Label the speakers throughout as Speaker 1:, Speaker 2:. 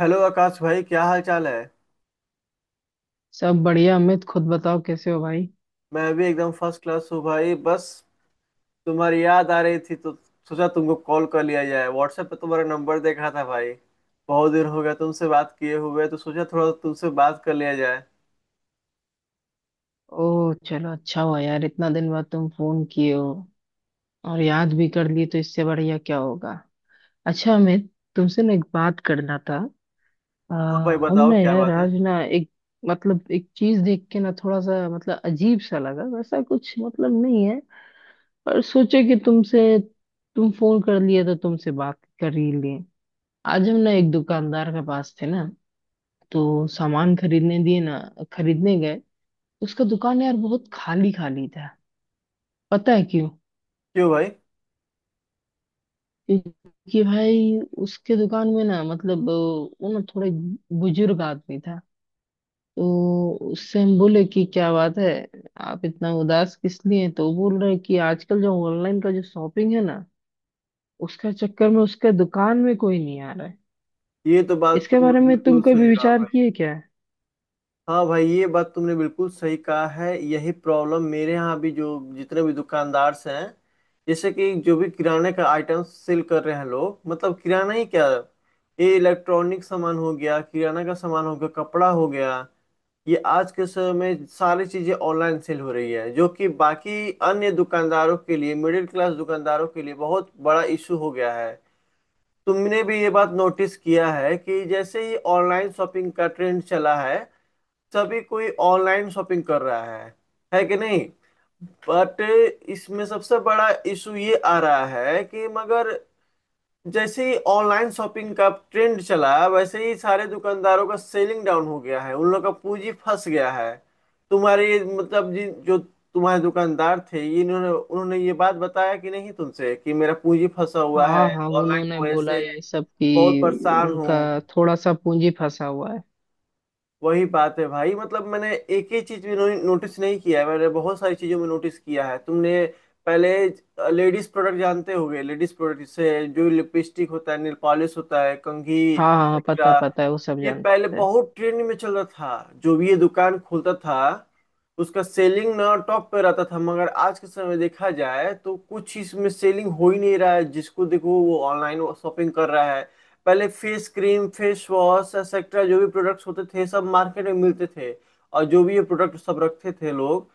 Speaker 1: Hello Akash भाई, क्या हाल चाल है?
Speaker 2: सब बढ़िया अमित, खुद बताओ कैसे हो भाई।
Speaker 1: मैं भी एकदम फर्स्ट क्लास हूँ भाई। बस तुम्हारी याद आ रही थी तो सोचा तुमको कॉल कर लिया जाए। व्हाट्सएप पे तुम्हारा नंबर देखा था भाई। बहुत दिन हो गया तुमसे बात किए हुए तो सोचा थोड़ा तुमसे बात कर लिया जाए।
Speaker 2: ओह चलो, अच्छा हुआ यार इतना दिन बाद तुम फोन किए हो और याद भी कर लिए, तो इससे बढ़िया क्या होगा। अच्छा अमित, तुमसे ना एक बात करना था। आ,
Speaker 1: हाँ भाई,
Speaker 2: हम
Speaker 1: बताओ
Speaker 2: ना
Speaker 1: क्या
Speaker 2: यार
Speaker 1: बात है?
Speaker 2: आज ना एक, मतलब एक चीज देख के ना थोड़ा सा मतलब अजीब सा लगा, वैसा कुछ मतलब नहीं है पर सोचे कि तुम फोन कर लिए तो तुमसे बात कर ही लिए। आज हम ना एक दुकानदार के पास थे ना, तो सामान खरीदने दिए ना, खरीदने गए। उसका दुकान यार बहुत खाली खाली था। पता है क्यों?
Speaker 1: क्यों भाई?
Speaker 2: क्योंकि भाई उसके दुकान में ना मतलब वो ना थोड़े बुजुर्ग आदमी था। तो उससे हम बोले कि क्या बात है, आप इतना उदास किस लिए हैं? तो वो बोल रहे कि आजकल जो ऑनलाइन का जो शॉपिंग है ना, उसका चक्कर में उसके दुकान में कोई नहीं आ रहा है।
Speaker 1: ये तो बात
Speaker 2: इसके
Speaker 1: तुम
Speaker 2: बारे में तुम
Speaker 1: बिल्कुल
Speaker 2: कभी
Speaker 1: सही कहा
Speaker 2: विचार
Speaker 1: भाई।
Speaker 2: किए क्या?
Speaker 1: हाँ भाई, ये बात तुमने बिल्कुल सही कहा है। यही प्रॉब्लम मेरे यहाँ भी जो जितने भी दुकानदार हैं, जैसे कि जो भी किराने का आइटम सेल कर रहे हैं लोग, मतलब किराना ही क्या, ये इलेक्ट्रॉनिक सामान हो गया, किराना का सामान हो गया, कपड़ा हो गया, ये आज के समय में सारी चीजें ऑनलाइन सेल हो रही है, जो कि बाकी अन्य दुकानदारों के लिए, मिडिल क्लास दुकानदारों के लिए बहुत बड़ा इशू हो गया है। तुमने भी ये बात नोटिस किया है कि जैसे ही ऑनलाइन शॉपिंग का ट्रेंड चला है, सभी कोई ऑनलाइन शॉपिंग कर रहा है। है कि नहीं? बट इसमें सबसे बड़ा इशू ये आ रहा है कि मगर जैसे ही ऑनलाइन शॉपिंग का ट्रेंड चला, वैसे ही सारे दुकानदारों का सेलिंग डाउन हो गया है, उन लोग का पूंजी फंस गया है। तुम्हारे मतलब जिन जो तुम्हारे दुकानदार थे, ये इन्होंने उन्होंने ये बात बताया कि नहीं तुमसे, कि मेरा पूंजी फंसा हुआ है
Speaker 2: हाँ हाँ,
Speaker 1: ऑनलाइन
Speaker 2: उन्होंने
Speaker 1: की वजह
Speaker 2: बोला
Speaker 1: से,
Speaker 2: ये सब
Speaker 1: बहुत
Speaker 2: कि
Speaker 1: परेशान
Speaker 2: उनका
Speaker 1: हूँ।
Speaker 2: थोड़ा सा पूंजी फंसा हुआ है।
Speaker 1: वही बात है भाई। मतलब मैंने एक ही चीज भी नोटिस नहीं किया है, मैंने बहुत सारी चीजों में नोटिस किया है। तुमने पहले लेडीज प्रोडक्ट जानते होगे, लेडीज प्रोडक्ट से जो लिपस्टिक होता है, नेल पॉलिश होता है, कंघी
Speaker 2: हाँ हाँ हाँ, पता
Speaker 1: एक्सेट्रा,
Speaker 2: पता है वो सब
Speaker 1: ये पहले
Speaker 2: जानते हैं।
Speaker 1: बहुत ट्रेंड में चल रहा था। जो भी ये दुकान खोलता था उसका सेलिंग ना टॉप पे रहता था, मगर आज के समय देखा जाए तो कुछ इसमें सेलिंग हो ही नहीं रहा है। जिसको देखो वो ऑनलाइन शॉपिंग कर रहा है। पहले face cream, face wash etcetera जो भी प्रोडक्ट्स होते थे सब मार्केट में मिलते थे, और जो भी ये प्रोडक्ट सब रखते थे लोग,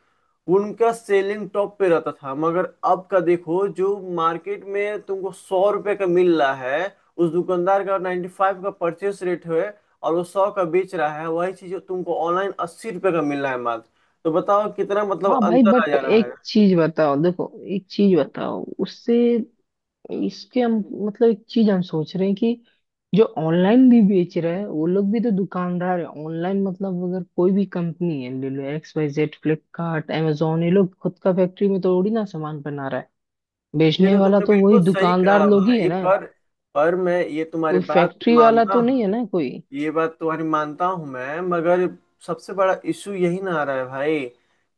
Speaker 1: उनका सेलिंग टॉप पे रहता था। मगर अब का देखो, जो मार्केट में तुमको 100 रुपए का मिल रहा है, उस दुकानदार का 95 का परचेस रेट है और वो 100 का बेच रहा है। वही चीज तुमको ऑनलाइन 80 रुपये का मिल रहा है मात्र। तो बताओ कितना मतलब
Speaker 2: हाँ भाई,
Speaker 1: अंतर आ
Speaker 2: बट
Speaker 1: जा रहा है।
Speaker 2: एक चीज बताओ, देखो एक चीज बताओ उससे इसके हम, मतलब एक चीज हम सोच रहे हैं कि जो ऑनलाइन भी बेच रहे हैं वो लोग भी तो दुकानदार है। ऑनलाइन मतलब अगर कोई भी कंपनी है, ले लो X Y Z Flipkart amazon, ये लोग खुद का फैक्ट्री में थोड़ी ना सामान बना रहा है।
Speaker 1: ये
Speaker 2: बेचने
Speaker 1: तो
Speaker 2: वाला
Speaker 1: तुमने
Speaker 2: तो वही
Speaker 1: बिल्कुल सही
Speaker 2: दुकानदार
Speaker 1: कहा
Speaker 2: लोग ही है
Speaker 1: भाई,
Speaker 2: ना,
Speaker 1: पर मैं ये तुम्हारी
Speaker 2: कोई
Speaker 1: बात
Speaker 2: फैक्ट्री वाला
Speaker 1: मानता
Speaker 2: तो नहीं है
Speaker 1: हूँ,
Speaker 2: ना कोई।
Speaker 1: ये बात तुम्हारी मानता हूँ मैं, मगर सबसे बड़ा इशू यही ना आ रहा है भाई,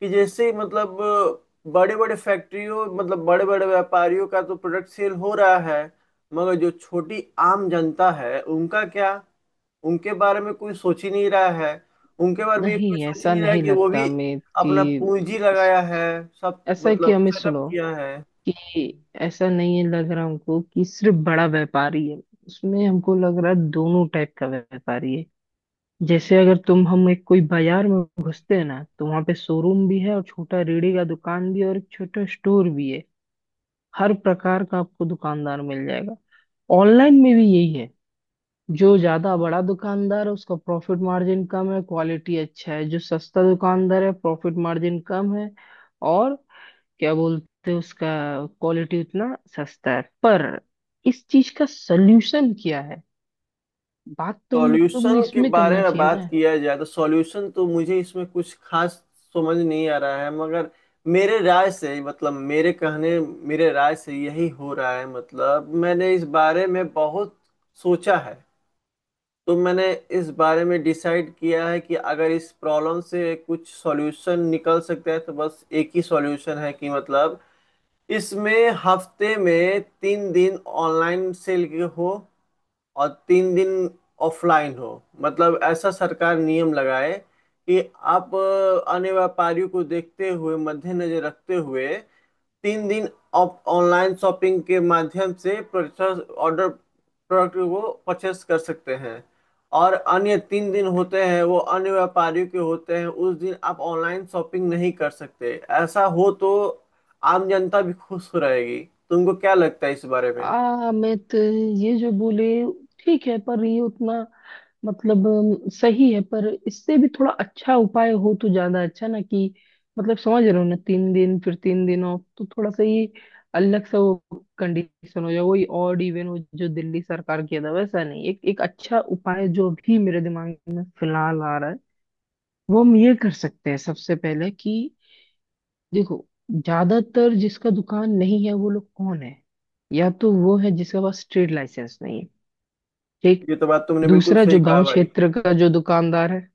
Speaker 1: कि जैसे मतलब बड़े बड़े फैक्ट्रियों, मतलब बड़े बड़े व्यापारियों का तो प्रोडक्ट सेल हो रहा है, मगर जो छोटी आम जनता है उनका क्या? उनके बारे में कोई सोच ही नहीं रहा है, उनके बारे में ये कोई
Speaker 2: नहीं,
Speaker 1: सोच ही
Speaker 2: ऐसा
Speaker 1: नहीं रहा है
Speaker 2: नहीं
Speaker 1: कि वो
Speaker 2: लगता
Speaker 1: भी
Speaker 2: हमें कि,
Speaker 1: अपना पूंजी लगाया है, सब
Speaker 2: ऐसा है कि
Speaker 1: मतलब
Speaker 2: हमें
Speaker 1: सेटअप
Speaker 2: सुनो
Speaker 1: किया है।
Speaker 2: कि ऐसा नहीं है लग रहा हमको कि सिर्फ बड़ा व्यापारी है। उसमें हमको लग रहा है दोनों टाइप का व्यापारी है। जैसे अगर तुम हम एक कोई बाजार में घुसते हैं ना, तो वहां पे शोरूम भी है, और छोटा रेड़ी का दुकान भी है, और एक छोटा स्टोर भी है। हर प्रकार का आपको दुकानदार मिल जाएगा। ऑनलाइन में भी यही है। जो ज्यादा बड़ा दुकानदार है उसका प्रॉफिट मार्जिन कम है, क्वालिटी अच्छा है, जो सस्ता दुकानदार है प्रॉफिट मार्जिन कम है, और क्या बोलते हैं उसका क्वालिटी उतना, सस्ता है। पर इस चीज का सोल्यूशन क्या है, बात तो हम लोग ने
Speaker 1: सॉल्यूशन के
Speaker 2: इसमें
Speaker 1: बारे
Speaker 2: करना
Speaker 1: में
Speaker 2: चाहिए
Speaker 1: बात
Speaker 2: ना।
Speaker 1: किया जाए तो सॉल्यूशन तो मुझे इसमें कुछ खास समझ नहीं आ रहा है, मगर मेरे राय से, मतलब मेरे राय से यही हो रहा है। मतलब मैंने इस बारे में बहुत सोचा है, तो मैंने इस बारे में डिसाइड किया है कि अगर इस प्रॉब्लम से कुछ सॉल्यूशन निकल सकता है तो बस एक ही सॉल्यूशन है, कि मतलब इसमें हफ्ते में 3 दिन ऑनलाइन सेल हो और 3 दिन ऑफलाइन हो। मतलब ऐसा सरकार नियम लगाए कि आप अन्य व्यापारियों को देखते हुए, मद्देनजर रखते हुए, 3 दिन आप ऑनलाइन शॉपिंग के माध्यम से परचेस ऑर्डर, प्रोडक्ट को परचेस कर सकते हैं, और अन्य 3 दिन होते हैं वो अन्य व्यापारियों के होते हैं, उस दिन आप ऑनलाइन शॉपिंग नहीं कर सकते। ऐसा हो तो आम जनता भी खुश रहेगी। तुमको क्या लगता है इस बारे में?
Speaker 2: आ मैं तो ये जो बोले ठीक है, पर ये उतना, मतलब सही है पर इससे भी थोड़ा अच्छा उपाय हो तो ज्यादा अच्छा ना कि, मतलब समझ रहे हो ना, 3 दिन फिर 3 दिन ऑफ तो थोड़ा सा ये अलग सा वो कंडीशन हो जाए, वही ऑड इवन हो जो दिल्ली सरकार किया था, वैसा नहीं। एक एक अच्छा उपाय जो भी मेरे दिमाग में फिलहाल आ रहा है वो हम ये कर सकते हैं सबसे पहले कि, देखो, ज्यादातर जिसका दुकान नहीं है वो लोग कौन है? या तो वो है जिसके पास ट्रेड लाइसेंस नहीं है, ठीक।
Speaker 1: ये तो बात तुमने बिल्कुल
Speaker 2: दूसरा,
Speaker 1: सही
Speaker 2: जो
Speaker 1: कहा
Speaker 2: गांव
Speaker 1: भाई।
Speaker 2: क्षेत्र का जो दुकानदार है,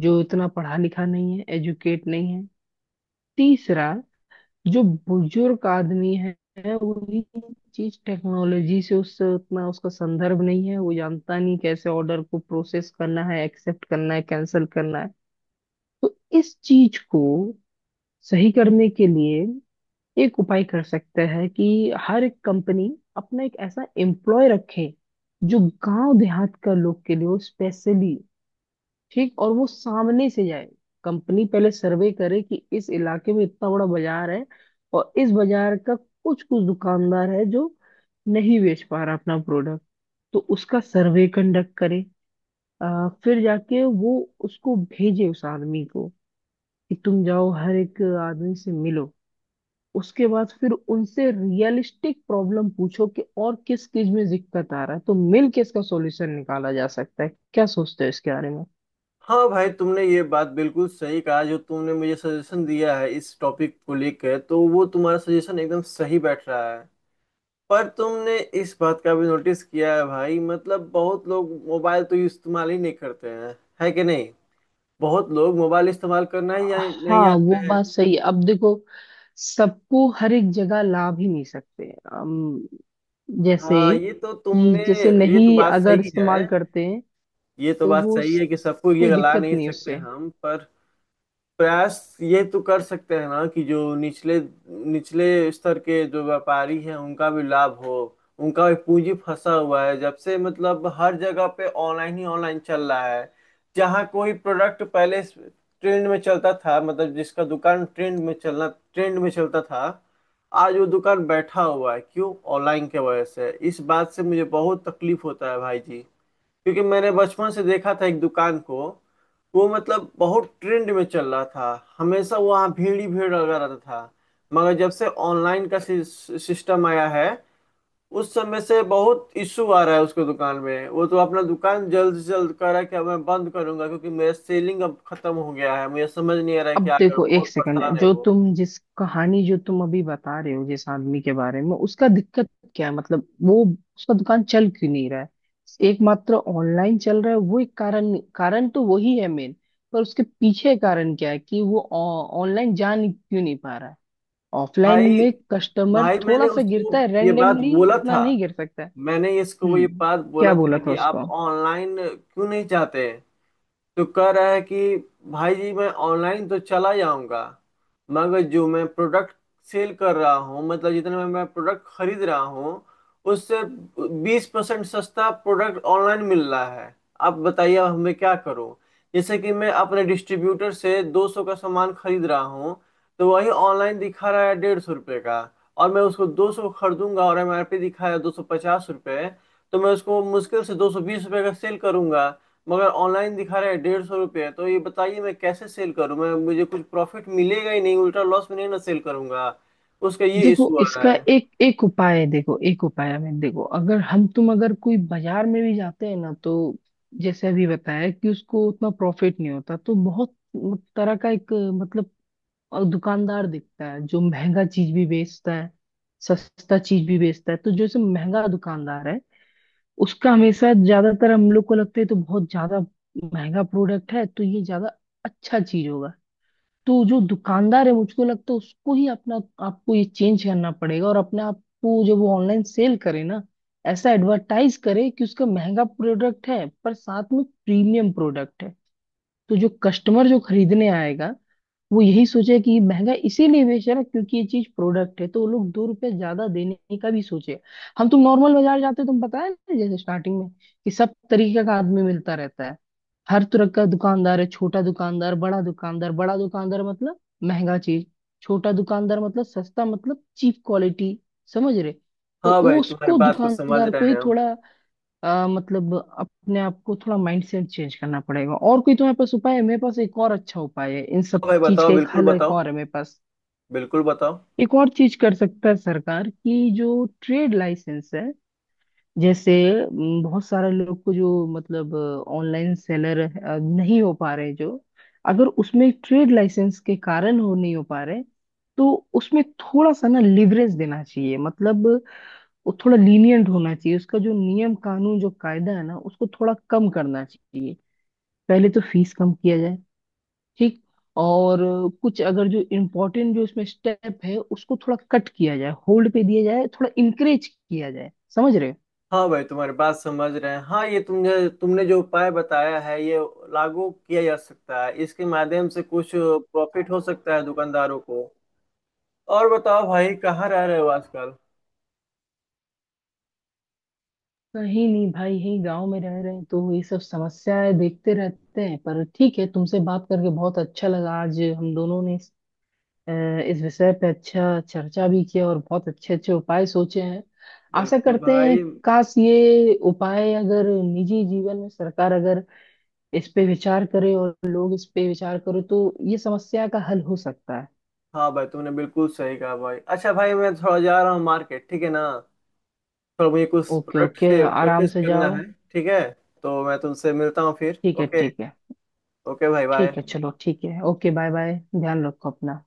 Speaker 2: जो इतना पढ़ा लिखा नहीं है, एजुकेट नहीं है। तीसरा, जो बुजुर्ग आदमी है, वही चीज टेक्नोलॉजी से उससे उतना उसका संदर्भ नहीं है, वो जानता नहीं कैसे ऑर्डर को प्रोसेस करना है, एक्सेप्ट करना है, कैंसिल करना है। तो इस चीज को सही करने के लिए एक उपाय कर सकते हैं कि हर एक कंपनी अपना एक ऐसा एम्प्लॉय रखे जो गांव देहात का लोग के लिए हो स्पेशली, ठीक, और वो सामने से जाए। कंपनी पहले सर्वे करे कि इस इलाके में इतना बड़ा बाजार है, और इस बाजार का कुछ कुछ दुकानदार है जो नहीं बेच पा रहा अपना प्रोडक्ट, तो उसका सर्वे कंडक्ट करे। फिर जाके वो उसको भेजे उस आदमी को कि तुम जाओ हर एक आदमी से मिलो, उसके बाद फिर उनसे रियलिस्टिक प्रॉब्लम पूछो कि और किस चीज में दिक्कत आ रहा है, तो मिल के इसका सॉल्यूशन निकाला जा सकता है। क्या सोचते हो इसके बारे में?
Speaker 1: हाँ भाई, तुमने ये बात बिल्कुल सही कहा, जो तुमने मुझे सजेशन दिया है इस टॉपिक को लेकर, तो वो तुम्हारा सजेशन एकदम सही बैठ रहा है। पर तुमने इस बात का भी नोटिस किया है भाई, मतलब बहुत लोग मोबाइल तो इस्तेमाल ही नहीं करते हैं। है कि नहीं? बहुत लोग मोबाइल इस्तेमाल करना ही नहीं
Speaker 2: हाँ वो
Speaker 1: जानते हैं।
Speaker 2: बात सही है। अब देखो, सबको हर एक जगह ला भी नहीं सकते हम, जैसे
Speaker 1: हाँ, ये तो तुमने,
Speaker 2: जैसे
Speaker 1: ये तो
Speaker 2: नहीं
Speaker 1: बात
Speaker 2: अगर
Speaker 1: सही
Speaker 2: इस्तेमाल
Speaker 1: है,
Speaker 2: करते हैं,
Speaker 1: ये तो
Speaker 2: तो
Speaker 1: बात
Speaker 2: वो
Speaker 1: सही है कि सबको ये
Speaker 2: कोई
Speaker 1: गला
Speaker 2: दिक्कत
Speaker 1: नहीं
Speaker 2: नहीं
Speaker 1: सकते
Speaker 2: उससे।
Speaker 1: हम, पर प्रयास ये तो कर सकते हैं ना कि जो निचले निचले स्तर के जो व्यापारी हैं उनका भी लाभ हो। उनका भी पूंजी फंसा हुआ है, जब से मतलब हर जगह पे ऑनलाइन ही ऑनलाइन चल रहा है। जहाँ कोई प्रोडक्ट पहले ट्रेंड में चलता था, मतलब जिसका दुकान ट्रेंड में चलता था, आज वो दुकान बैठा हुआ है। क्यों? ऑनलाइन के वजह से। इस बात से मुझे बहुत तकलीफ होता है भाई जी, क्योंकि मैंने बचपन से देखा था एक दुकान को, वो मतलब बहुत ट्रेंड में चल रहा था, हमेशा वहाँ भीड़ ही भीड़ लगा रहता था, मगर जब से ऑनलाइन का सिस्टम आया है, उस समय से बहुत इशू आ रहा है उसके दुकान में। वो तो अपना दुकान जल्द से जल्द कह रहा है कि अब मैं बंद करूंगा, क्योंकि मेरा सेलिंग अब खत्म हो गया है, मुझे समझ नहीं आ रहा है
Speaker 2: अब
Speaker 1: क्या करूं,
Speaker 2: देखो एक
Speaker 1: बहुत परेशान
Speaker 2: सेकंड,
Speaker 1: है
Speaker 2: जो
Speaker 1: वो।
Speaker 2: तुम जिस कहानी जो तुम अभी बता रहे हो, जिस आदमी के बारे में उसका दिक्कत क्या है मतलब, वो उसका दुकान चल क्यों नहीं रहा है? एकमात्र ऑनलाइन चल रहा है, वो एक कारण, कारण तो वही है मेन। पर उसके पीछे कारण क्या है कि वो ऑनलाइन जा नहीं, क्यों नहीं पा रहा है? ऑफलाइन
Speaker 1: भाई
Speaker 2: में कस्टमर
Speaker 1: भाई, मैंने
Speaker 2: थोड़ा सा
Speaker 1: उसको
Speaker 2: गिरता है,
Speaker 1: ये बात
Speaker 2: रेंडमली
Speaker 1: बोला
Speaker 2: उतना
Speaker 1: था,
Speaker 2: नहीं गिर सकता है।
Speaker 1: मैंने इसको वो ये
Speaker 2: हम्म।
Speaker 1: बात
Speaker 2: क्या
Speaker 1: बोला
Speaker 2: बोला
Speaker 1: था
Speaker 2: था
Speaker 1: कि आप
Speaker 2: उसको?
Speaker 1: ऑनलाइन क्यों नहीं चाहते? तो कह रहा है कि भाई जी, मैं ऑनलाइन तो चला जाऊंगा, मगर जो मैं प्रोडक्ट सेल कर रहा हूँ, मतलब जितने में मैं प्रोडक्ट खरीद रहा हूँ, उससे 20% सस्ता प्रोडक्ट ऑनलाइन मिल रहा है। आप बताइए अब मैं क्या करूँ? जैसे कि मैं अपने डिस्ट्रीब्यूटर से 200 का सामान खरीद रहा हूँ, तो वही ऑनलाइन दिखा रहा है 150 रुपये का। और मैं उसको 200 खरीदूंगा और एमआरपी दिखाया 250 रुपये, तो मैं उसको मुश्किल से 220 रुपये का सेल करूंगा, मगर ऑनलाइन दिखा रहे हैं 150 रुपये। तो ये बताइए मैं कैसे सेल करूं? मैं, मुझे कुछ प्रॉफिट मिलेगा ही नहीं, उल्टा लॉस में नहीं ना सेल करूंगा। उसका ये
Speaker 2: देखो
Speaker 1: इशू आ रहा
Speaker 2: इसका
Speaker 1: है।
Speaker 2: एक एक उपाय है, देखो एक उपाय है। मैं देखो अगर हम तुम अगर कोई बाजार में भी जाते हैं ना, तो जैसे अभी बताया कि उसको उतना प्रॉफिट नहीं होता, तो बहुत तरह का एक मतलब दुकानदार दिखता है जो महंगा चीज भी बेचता है, सस्ता चीज भी बेचता है। तो जो जैसे महंगा दुकानदार है उसका हमेशा ज्यादातर हम लोग को लगता है तो बहुत ज्यादा महंगा प्रोडक्ट है तो ये ज्यादा अच्छा चीज होगा। तो जो दुकानदार है मुझको लगता है उसको ही अपना, आपको ये चेंज करना पड़ेगा और अपने आप को जब वो ऑनलाइन सेल करे ना ऐसा एडवर्टाइज करे कि उसका महंगा प्रोडक्ट है पर साथ में प्रीमियम प्रोडक्ट है। तो जो कस्टमर जो खरीदने आएगा वो यही सोचे कि महंगा इसीलिए बेच रहा है क्योंकि ये चीज प्रोडक्ट है, तो वो लोग 2 रुपए ज्यादा देने का भी सोचे। हम तुम नॉर्मल बाजार जाते हो तुम पता है ना जैसे स्टार्टिंग में कि सब तरीके का आदमी मिलता रहता है, हर तरह का दुकानदार है, छोटा दुकानदार, बड़ा दुकानदार, बड़ा दुकानदार मतलब महंगा चीज, छोटा दुकानदार मतलब सस्ता मतलब चीप क्वालिटी, समझ रहे। तो
Speaker 1: हाँ
Speaker 2: वो
Speaker 1: भाई, तुम्हारी
Speaker 2: उसको
Speaker 1: बात को समझ
Speaker 2: दुकानदार
Speaker 1: रहे
Speaker 2: को ही
Speaker 1: हैं हम।
Speaker 2: थोड़ा मतलब अपने आप को थोड़ा माइंडसेट चेंज करना पड़ेगा। और कोई तुम्हारे पास उपाय है? मेरे पास एक और अच्छा उपाय है, इन सब
Speaker 1: हाँ भाई,
Speaker 2: चीज
Speaker 1: बताओ,
Speaker 2: का एक
Speaker 1: बिल्कुल
Speaker 2: हल एक
Speaker 1: बताओ,
Speaker 2: और है मेरे पास।
Speaker 1: बिल्कुल बताओ।
Speaker 2: एक और चीज कर सकता है सरकार कि जो ट्रेड लाइसेंस है, जैसे बहुत सारे लोग को जो मतलब ऑनलाइन सेलर नहीं हो पा रहे, जो अगर उसमें ट्रेड लाइसेंस के कारण हो नहीं हो पा रहे, तो उसमें थोड़ा सा ना लिवरेज देना चाहिए मतलब वो थोड़ा लीनियंट होना चाहिए। उसका जो नियम कानून जो कायदा है ना उसको थोड़ा कम करना चाहिए, पहले तो फीस कम किया जाए, ठीक। और कुछ अगर जो इम्पोर्टेंट जो इसमें स्टेप है उसको थोड़ा कट किया जाए, होल्ड पे दिया जाए, थोड़ा इंकरेज किया जाए, समझ रहे हो।
Speaker 1: हाँ भाई, तुम्हारी बात समझ रहे हैं। हाँ, ये तुमने, तुमने जो उपाय बताया है, ये लागू किया जा सकता है, इसके माध्यम से कुछ प्रॉफिट हो सकता है दुकानदारों को। और बताओ भाई, कहाँ रह रहे हो आजकल?
Speaker 2: कहीं नहीं भाई, यही गांव में रह रहे हैं, तो ये सब समस्याएं देखते रहते हैं, पर ठीक है। तुमसे बात करके बहुत अच्छा लगा, आज हम दोनों ने अ, इस विषय पे अच्छा चर्चा भी किया और बहुत अच्छे अच्छे उपाय सोचे हैं। आशा
Speaker 1: बिल्कुल
Speaker 2: करते हैं
Speaker 1: भाई।
Speaker 2: काश ये उपाय अगर निजी जीवन में सरकार अगर इस पे विचार करे और लोग इस पे विचार करें, तो ये समस्या का हल हो सकता है।
Speaker 1: हाँ भाई, तुमने बिल्कुल सही कहा भाई। अच्छा भाई, मैं थोड़ा जा रहा हूँ मार्केट, ठीक है ना? थोड़ा मुझे कुछ
Speaker 2: ओके
Speaker 1: प्रोडक्ट
Speaker 2: ओके,
Speaker 1: से
Speaker 2: आराम
Speaker 1: परचेस
Speaker 2: से
Speaker 1: करना
Speaker 2: जाओ।
Speaker 1: है। ठीक है, तो मैं तुमसे मिलता हूँ फिर।
Speaker 2: ठीक है
Speaker 1: ओके,
Speaker 2: ठीक है।
Speaker 1: ओके भाई,
Speaker 2: ठीक है
Speaker 1: बाय।
Speaker 2: चलो, ठीक है, ओके, बाय बाय, ध्यान रखो अपना।